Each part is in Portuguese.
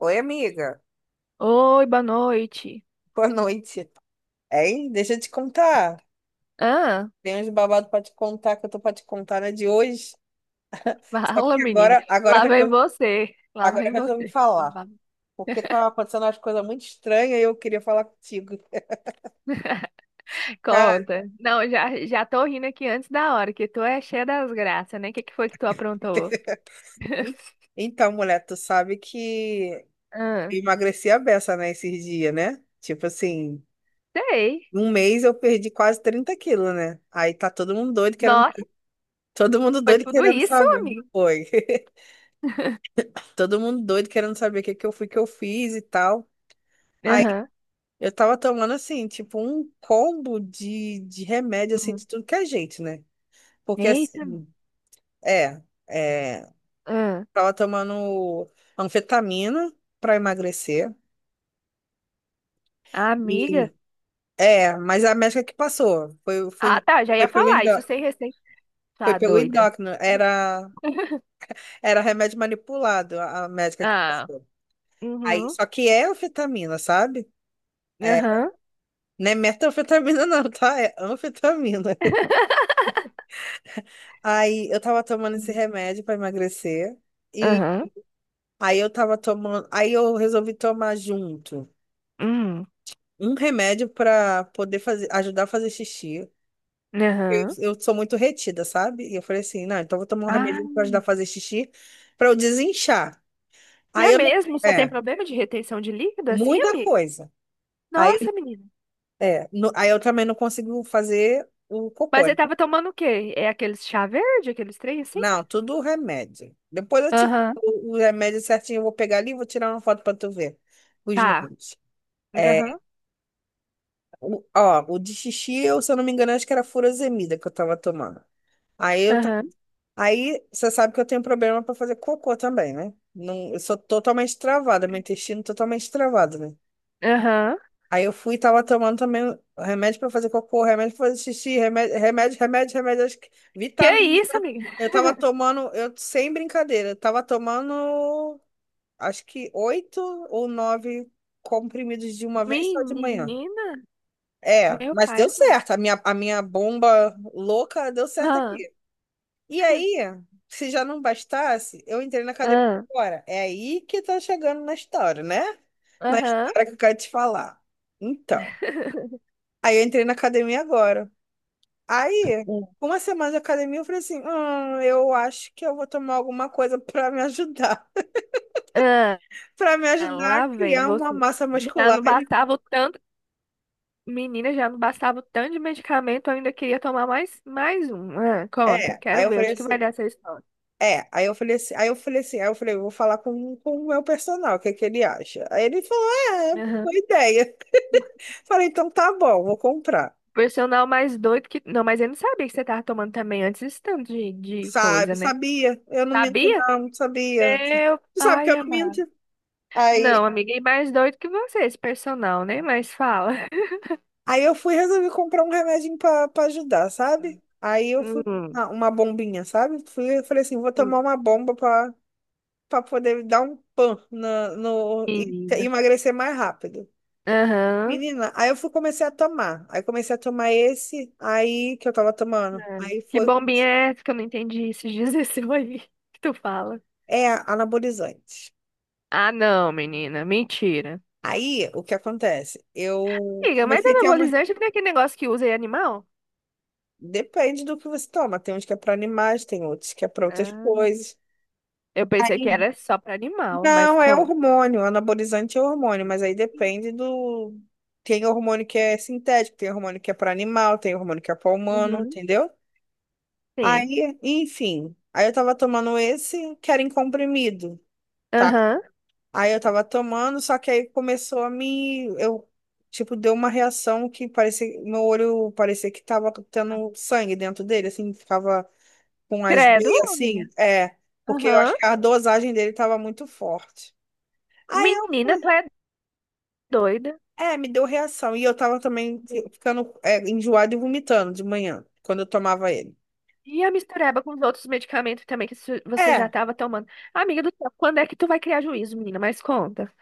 Oi, amiga. Oi, boa noite. Boa noite. Hein? Deixa eu te contar. Ah, Tem uns babados pra te contar que eu tô pra te contar, né, de hoje. Só fala, que menina. Lá vem você. Lá agora eu vem resolvi você. falar. Porque tava acontecendo umas coisas muito estranhas e eu queria falar contigo. Cara, Conta. Não, já tô rindo aqui antes da hora, que tu é cheia das graças, né? O que que foi que tu aprontou? e- então, mulher, tu sabe que Ah, eu emagreci a beça, né, esses dias, né? Tipo assim, sei. num mês eu perdi quase 30 quilos, né? Aí tá Nossa, todo mundo foi doido tudo querendo isso, saber. amigo. Foi. Todo mundo doido querendo saber o que que eu fui que eu fiz e tal. Aí Aham. eu tava tomando assim, tipo, um combo de remédio assim de Hum. tudo que é jeito, né? Porque Eita. assim, é, é, Ah, tava tomando anfetamina pra emagrecer e amiga. Mas a médica que passou, Ah, tá, já foi ia pelo falar isso endó- sem receita. foi Tá pelo doida. endócrino, era era remédio manipulado, a médica que Ah, passou. Aí uhum, só que é anfetamina, sabe? É, aham, não é metanfetamina, não, tá? É anfetamina. Aí eu tava tomando esse uhum. remédio pra emagrecer e Aham, aí eu resolvi tomar junto uhum. um remédio pra poder fazer, ajudar a fazer xixi. Eu, Aham. eu sou muito retida, sabe? E eu falei assim, não, então eu vou tomar um Ah, remédio pra ajudar a fazer xixi pra eu desinchar. e Aí é eu não, mesmo? Você tem é, problema de retenção de líquido assim, muita amiga? coisa. Aí, Nossa, menina. Aí eu também não consigo fazer o cocô, Mas você né? tava tomando o quê? É aqueles chá verde, aqueles trem assim? Não, tudo remédio. Depois eu te, Aham. O remédio certinho eu vou pegar ali e vou tirar uma foto pra tu ver os Tá. números. É, Aham. Ó, o de xixi, se eu não me engano, acho que era furosemida que eu tava tomando. Aí eu, ta- Aham. aí você sabe que eu tenho problema pra fazer cocô também, né? Não, eu sou totalmente travada, meu intestino totalmente travado, né? Aham. Aí eu fui e tava tomando também remédio pra fazer cocô, remédio pra fazer xixi, remédio, remédio, remédio, remédio, acho que Que vitamina. isso, amiga? Eu tava tomando, eu sem brincadeira, eu tava tomando acho que oito ou nove comprimidos de uma vez só de manhã. Menina? É, Meu mas pai deu amado. certo. A minha bomba louca deu certo Ah. aqui. E aí, se já não bastasse, eu entrei na academia Ah. agora. É aí que tá chegando na história, né? Na Aham. história que eu quero te falar. Então, aí eu entrei na academia agora. Aí, com uma semana de academia, eu falei assim: eu acho que eu vou tomar alguma coisa pra me ajudar. Ah, Pra me ajudar a lá vem criar uma você. massa Já muscular. não bastava o tanto, menina, já não bastava o tanto de medicamento, eu ainda queria tomar mais um. Ah, conta, É, aí quero eu ver falei onde que vai assim. dar essa história. É, aí eu falei, eu vou falar com o meu personal, o que que ele acha? Aí ele falou, é, boa Aham. ideia. Falei, então tá bom, vou comprar. Por mais doido que. Não, mas eu não sabia que você tava tomando também antes esse tanto de coisa, Sabe, né? sabia? Eu não minto Sabia? não, sabia. Meu Tu sabe que pai eu não minto? amado. Não, Aí, amiga, e mais doido que você, esse personal, né? Mas fala. aí eu fui resolver comprar um remedinho pra ajudar, sabe? Aí eu fui, Hum, uma bombinha, sabe? Fui, eu falei assim, vou hum, tomar uma bomba pra poder dar um pan na, no, e menina. emagrecer mais rápido. Aham. Menina, aí eu fui, comecei a tomar. Aí comecei a tomar esse aí que eu tava tomando. Ah, que bombinha é essa que eu não entendi esses dias esse aí que tu fala? É anabolizante. Ah, não, menina. Mentira. Aí, o que acontece? Eu Amiga, mas comecei a ter uma. anabolizante não é aquele negócio que usa em animal? Depende do que você toma. Tem uns que é para animais, tem outros que é para outras Ah, coisas. eu pensei que Aí- era só pra animal, mas Não, é como? hormônio. Anabolizante é hormônio, mas aí depende do. Tem hormônio que é sintético, tem hormônio que é para animal, tem hormônio que é para humano, Uhum, entendeu? sim. Aí, enfim. Aí eu tava tomando esse que era em comprimido. Tá. Aham. Aí eu tava tomando, só que aí começou a me. Tipo, deu uma reação que parecia. Meu olho parecia que tava tendo sangue dentro dele, assim, ficava com as Credo, veias, amiga. assim. É, porque eu Aham. acho que a dosagem dele tava muito forte. Aí eu Menina, tu fui. é doida. É, me deu reação. E eu tava também ficando, enjoada e vomitando de manhã, quando eu tomava ele. E a mistureba com os outros medicamentos também que você já É, estava tomando. Amiga do céu, quando é que tu vai criar juízo, menina? Mas conta.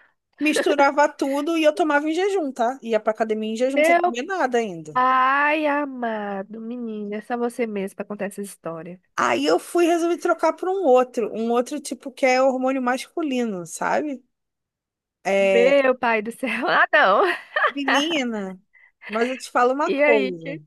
misturava tudo e eu tomava em jejum, tá? Ia pra academia em jejum sem Meu comer nada ainda. pai amado, menina, é só você mesmo pra contar essa história. Aí eu fui resolver trocar por um outro tipo que é hormônio masculino, sabe? É, Meu pai do céu. Ah, não. menina, mas eu te falo uma E aí? coisa.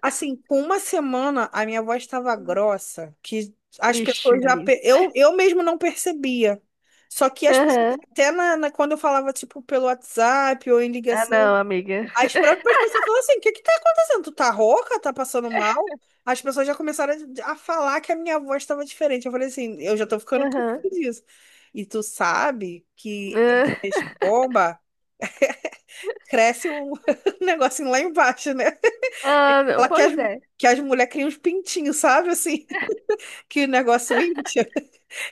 Assim, com uma semana a minha voz estava grossa, que as Ixi, pessoas já. Maria. Eu mesmo não percebia. Só que as pessoas, Aham. até quando eu falava, tipo, pelo WhatsApp ou em Ah, ligação. não, amiga. As próprias pessoas falam assim: o que que tá acontecendo? Tu tá rouca? Tá passando mal? As pessoas já começaram a falar que a minha voz estava diferente. Eu falei assim: eu já tô ficando com Aham. medo disso. E tu sabe que Ah, essas bombas cresce um negocinho lá embaixo, né? ah, não, Fala que as, pois é. que as mulheres criam uns pintinhos, sabe? Assim, que o negócio incha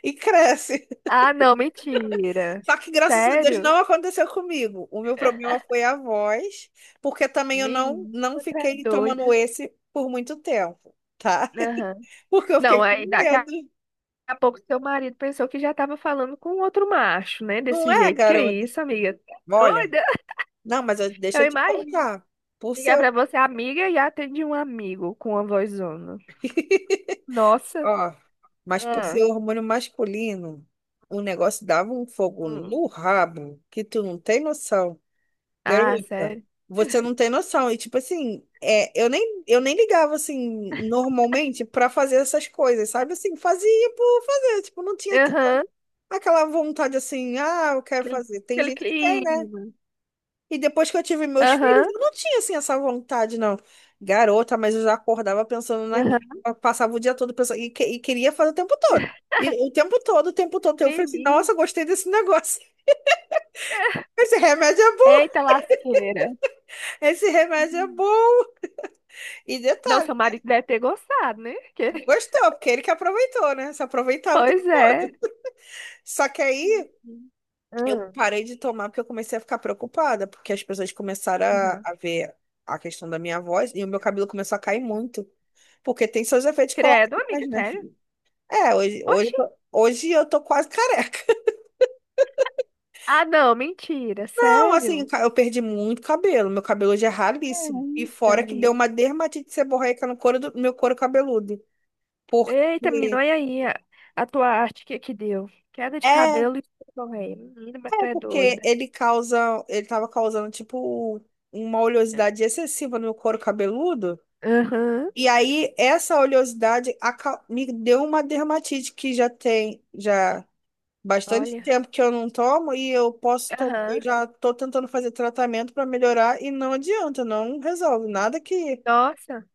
e cresce. Ah, não, mentira. Só que graças a Deus Sério? não aconteceu comigo. O meu problema foi a voz, porque também eu não, Menina, não tá fiquei tomando doida. esse por muito tempo, tá? Aham. Porque eu Não, fiquei com aí daqui a medo. a pouco seu marido pensou que já tava falando com outro macho, né? Não Desse é, jeito. Que garota? isso, amiga? Tá Olha, doida? não, mas deixa Eu eu te imagino contar. Por ligar seu. pra você, amiga, e atende um amigo com uma vozona. Nossa. Ó, mas por Ah, ser hormônio masculino, o negócio dava um fogo hum. no rabo que tu não tem noção. Ah, Garota, sério? você não tem noção. E tipo assim, eu nem ligava assim normalmente pra fazer essas coisas, sabe? Assim, fazia por fazer, tipo, não tinha Aham. aquela vontade assim, ah, eu quero Aquele, fazer. Tem aquele gente que tem, né? clima. E depois que eu tive meus filhos, Aham. eu não tinha assim essa vontade, não. Garota, mas eu já acordava pensando naquilo, Aham. eu passava o dia todo pensando e queria fazer o tempo todo. E o tempo todo, eu falei assim, Menina. nossa, gostei desse negócio. Esse remédio é bom, Eita lasqueira. esse remédio é bom. E Não, detalhe. seu marido deve ter gostado, né? Gostou, porque ele que aproveitou, né? Se aproveitava o tempo Pois é. todo. Só que aí Mentira. eu Ah, parei de tomar porque eu comecei a ficar preocupada, porque as pessoas começaram a, uhum. a ver a questão da minha voz e o meu cabelo começou a cair muito, porque tem seus efeitos Credo, colaterais, amiga, né, sério? filho? É, Oxi. Hoje eu tô quase careca. Ah, não, mentira, Não, assim, sério? Eu perdi muito cabelo. Meu cabelo hoje é ralíssimo. E Eita, fora que deu uma amiga. dermatite seborreica no couro do meu couro cabeludo. Porque. Eita, menino, olha aí a tua arte que deu. Queda de É, cabelo e correia. Menina, mas tu É é porque doida. ele causa, ele tava causando tipo uma oleosidade excessiva no meu couro cabeludo. Aham, E aí essa oleosidade me deu uma dermatite que já tem já bastante olha. tempo que eu não tomo e eu posso tomar, eu Aham. já tô tentando fazer tratamento para melhorar e não adianta, não resolve nada que Nossa.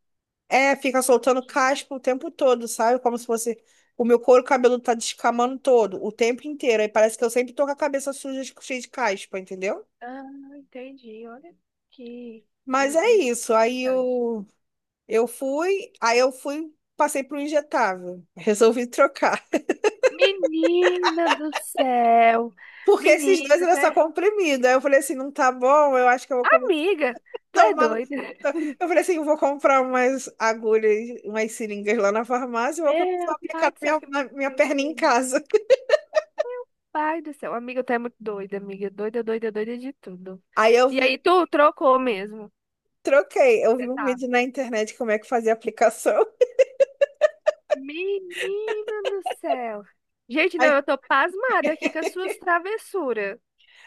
fica soltando caspa o tempo todo, sabe? Como se fosse o meu couro cabeludo tá descamando todo, o tempo inteiro. Aí parece que eu sempre tô com a cabeça suja, cheia de caspa, entendeu? Ah, entendi, olha que Mas in- é in- isso. Aí interessante. Eu fui, aí eu fui, passei para o injetável. Resolvi trocar. Menina do céu. Porque esses dois Menina, era tu só é... comprimido. Aí eu falei assim, não tá bom, eu acho que eu vou Amiga, tu é tomar. Doida. Eu falei assim, eu vou comprar umas agulhas, umas seringas lá na farmácia e vou começar a Meu aplicar pai do céu, na minha, na minha perna em casa. pai do céu. Amiga, tu é muito doida, amiga. Doida, doida, doida de tudo. Aí eu E aí, vi, tu trocou mesmo. troquei. Eu vi Você um sabe. vídeo na internet como é que fazia a aplicação. Menina do céu. Gente, não, eu Aí, tô pasmada aqui com as suas travessuras,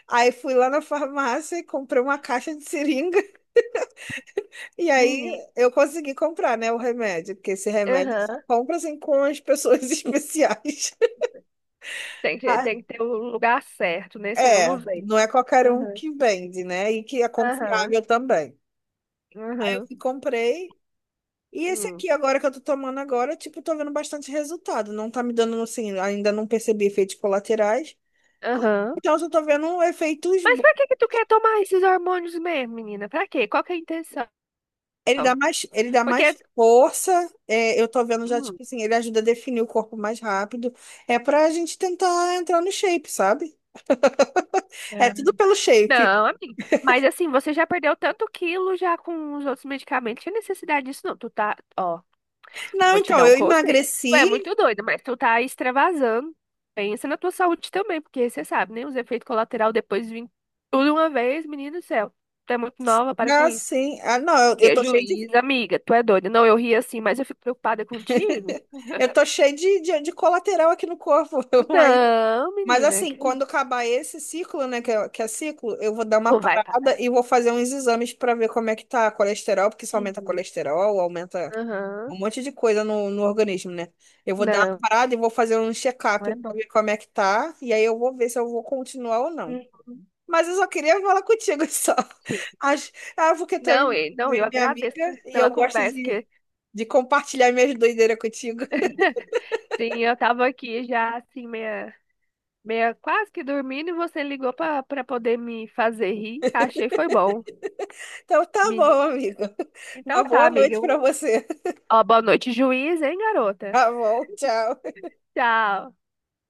aí fui lá na farmácia e comprei uma caixa de seringa. E aí menina. eu consegui comprar, né, o remédio, porque esse remédio só Aham. compra assim com as pessoas especiais. Tem que, Ah, tem que ter o lugar certo, né? Senão não é, vem. não é qualquer um Aham. que vende, né? E que é Aham. confiável também. Eu Aham. fui, comprei. E esse Hum. aqui agora que eu tô tomando agora, tipo, tô vendo bastante resultado. Não tá me dando, assim, ainda não percebi efeitos colaterais. Aham. Então, eu só tô vendo efeitos Mas pra bons. que que tu quer tomar esses hormônios mesmo, menina? Pra quê? Qual que é a intenção? Ele dá mais Porque... força. Eu tô vendo já, Hum. tipo assim, ele ajuda a definir o corpo mais rápido. É pra gente tentar entrar no shape, sabe? É tudo pelo shape. Não, amiga. Mas assim, você já perdeu tanto quilo já com os outros medicamentos. Tinha necessidade disso, não. Tu tá, ó, Não, vou te então, dar um eu conselho. Tu é emagreci. muito doida, mas tu tá extravasando. Pensa na tua saúde também, porque você sabe, né? Os efeitos colaterais depois vêm tudo uma vez, menino do céu. Tu é muito nova, para com Não, isso. sim. Ah, não, Prejuízo, amiga, tu é doida. Não, eu ri assim, mas eu fico preocupada contigo. eu tô cheio de colateral aqui no corpo. Mas, Não, mas menina, assim, quando acabar esse ciclo, né, que é ciclo, eu vou dar uma tu vai parar. parada e vou fazer uns exames pra ver como é que tá a colesterol, porque isso De aumenta colesterol, aumenta Aham. um monte de coisa no organismo, né? Eu vou dar uma Não, parada e vou fazer um não check-up é pra bom. ver como é que tá, e aí eu vou ver se eu vou continuar ou não. Uhum. Mas eu só queria falar contigo só. Sim. Ah, porque tu é Não, não, eu minha agradeço amiga e eu pela gosto conversa, de, que de compartilhar minhas doideiras contigo. sim, eu tava aqui já assim, meia quase que dormindo, e você ligou pra poder me fazer rir. Achei foi bom. Então tá bom, Me- amigo. Uma Então tá, boa noite amiga. pra você. Ó, boa noite, juiz, hein, garota? Tá bom, tchau. Tchau.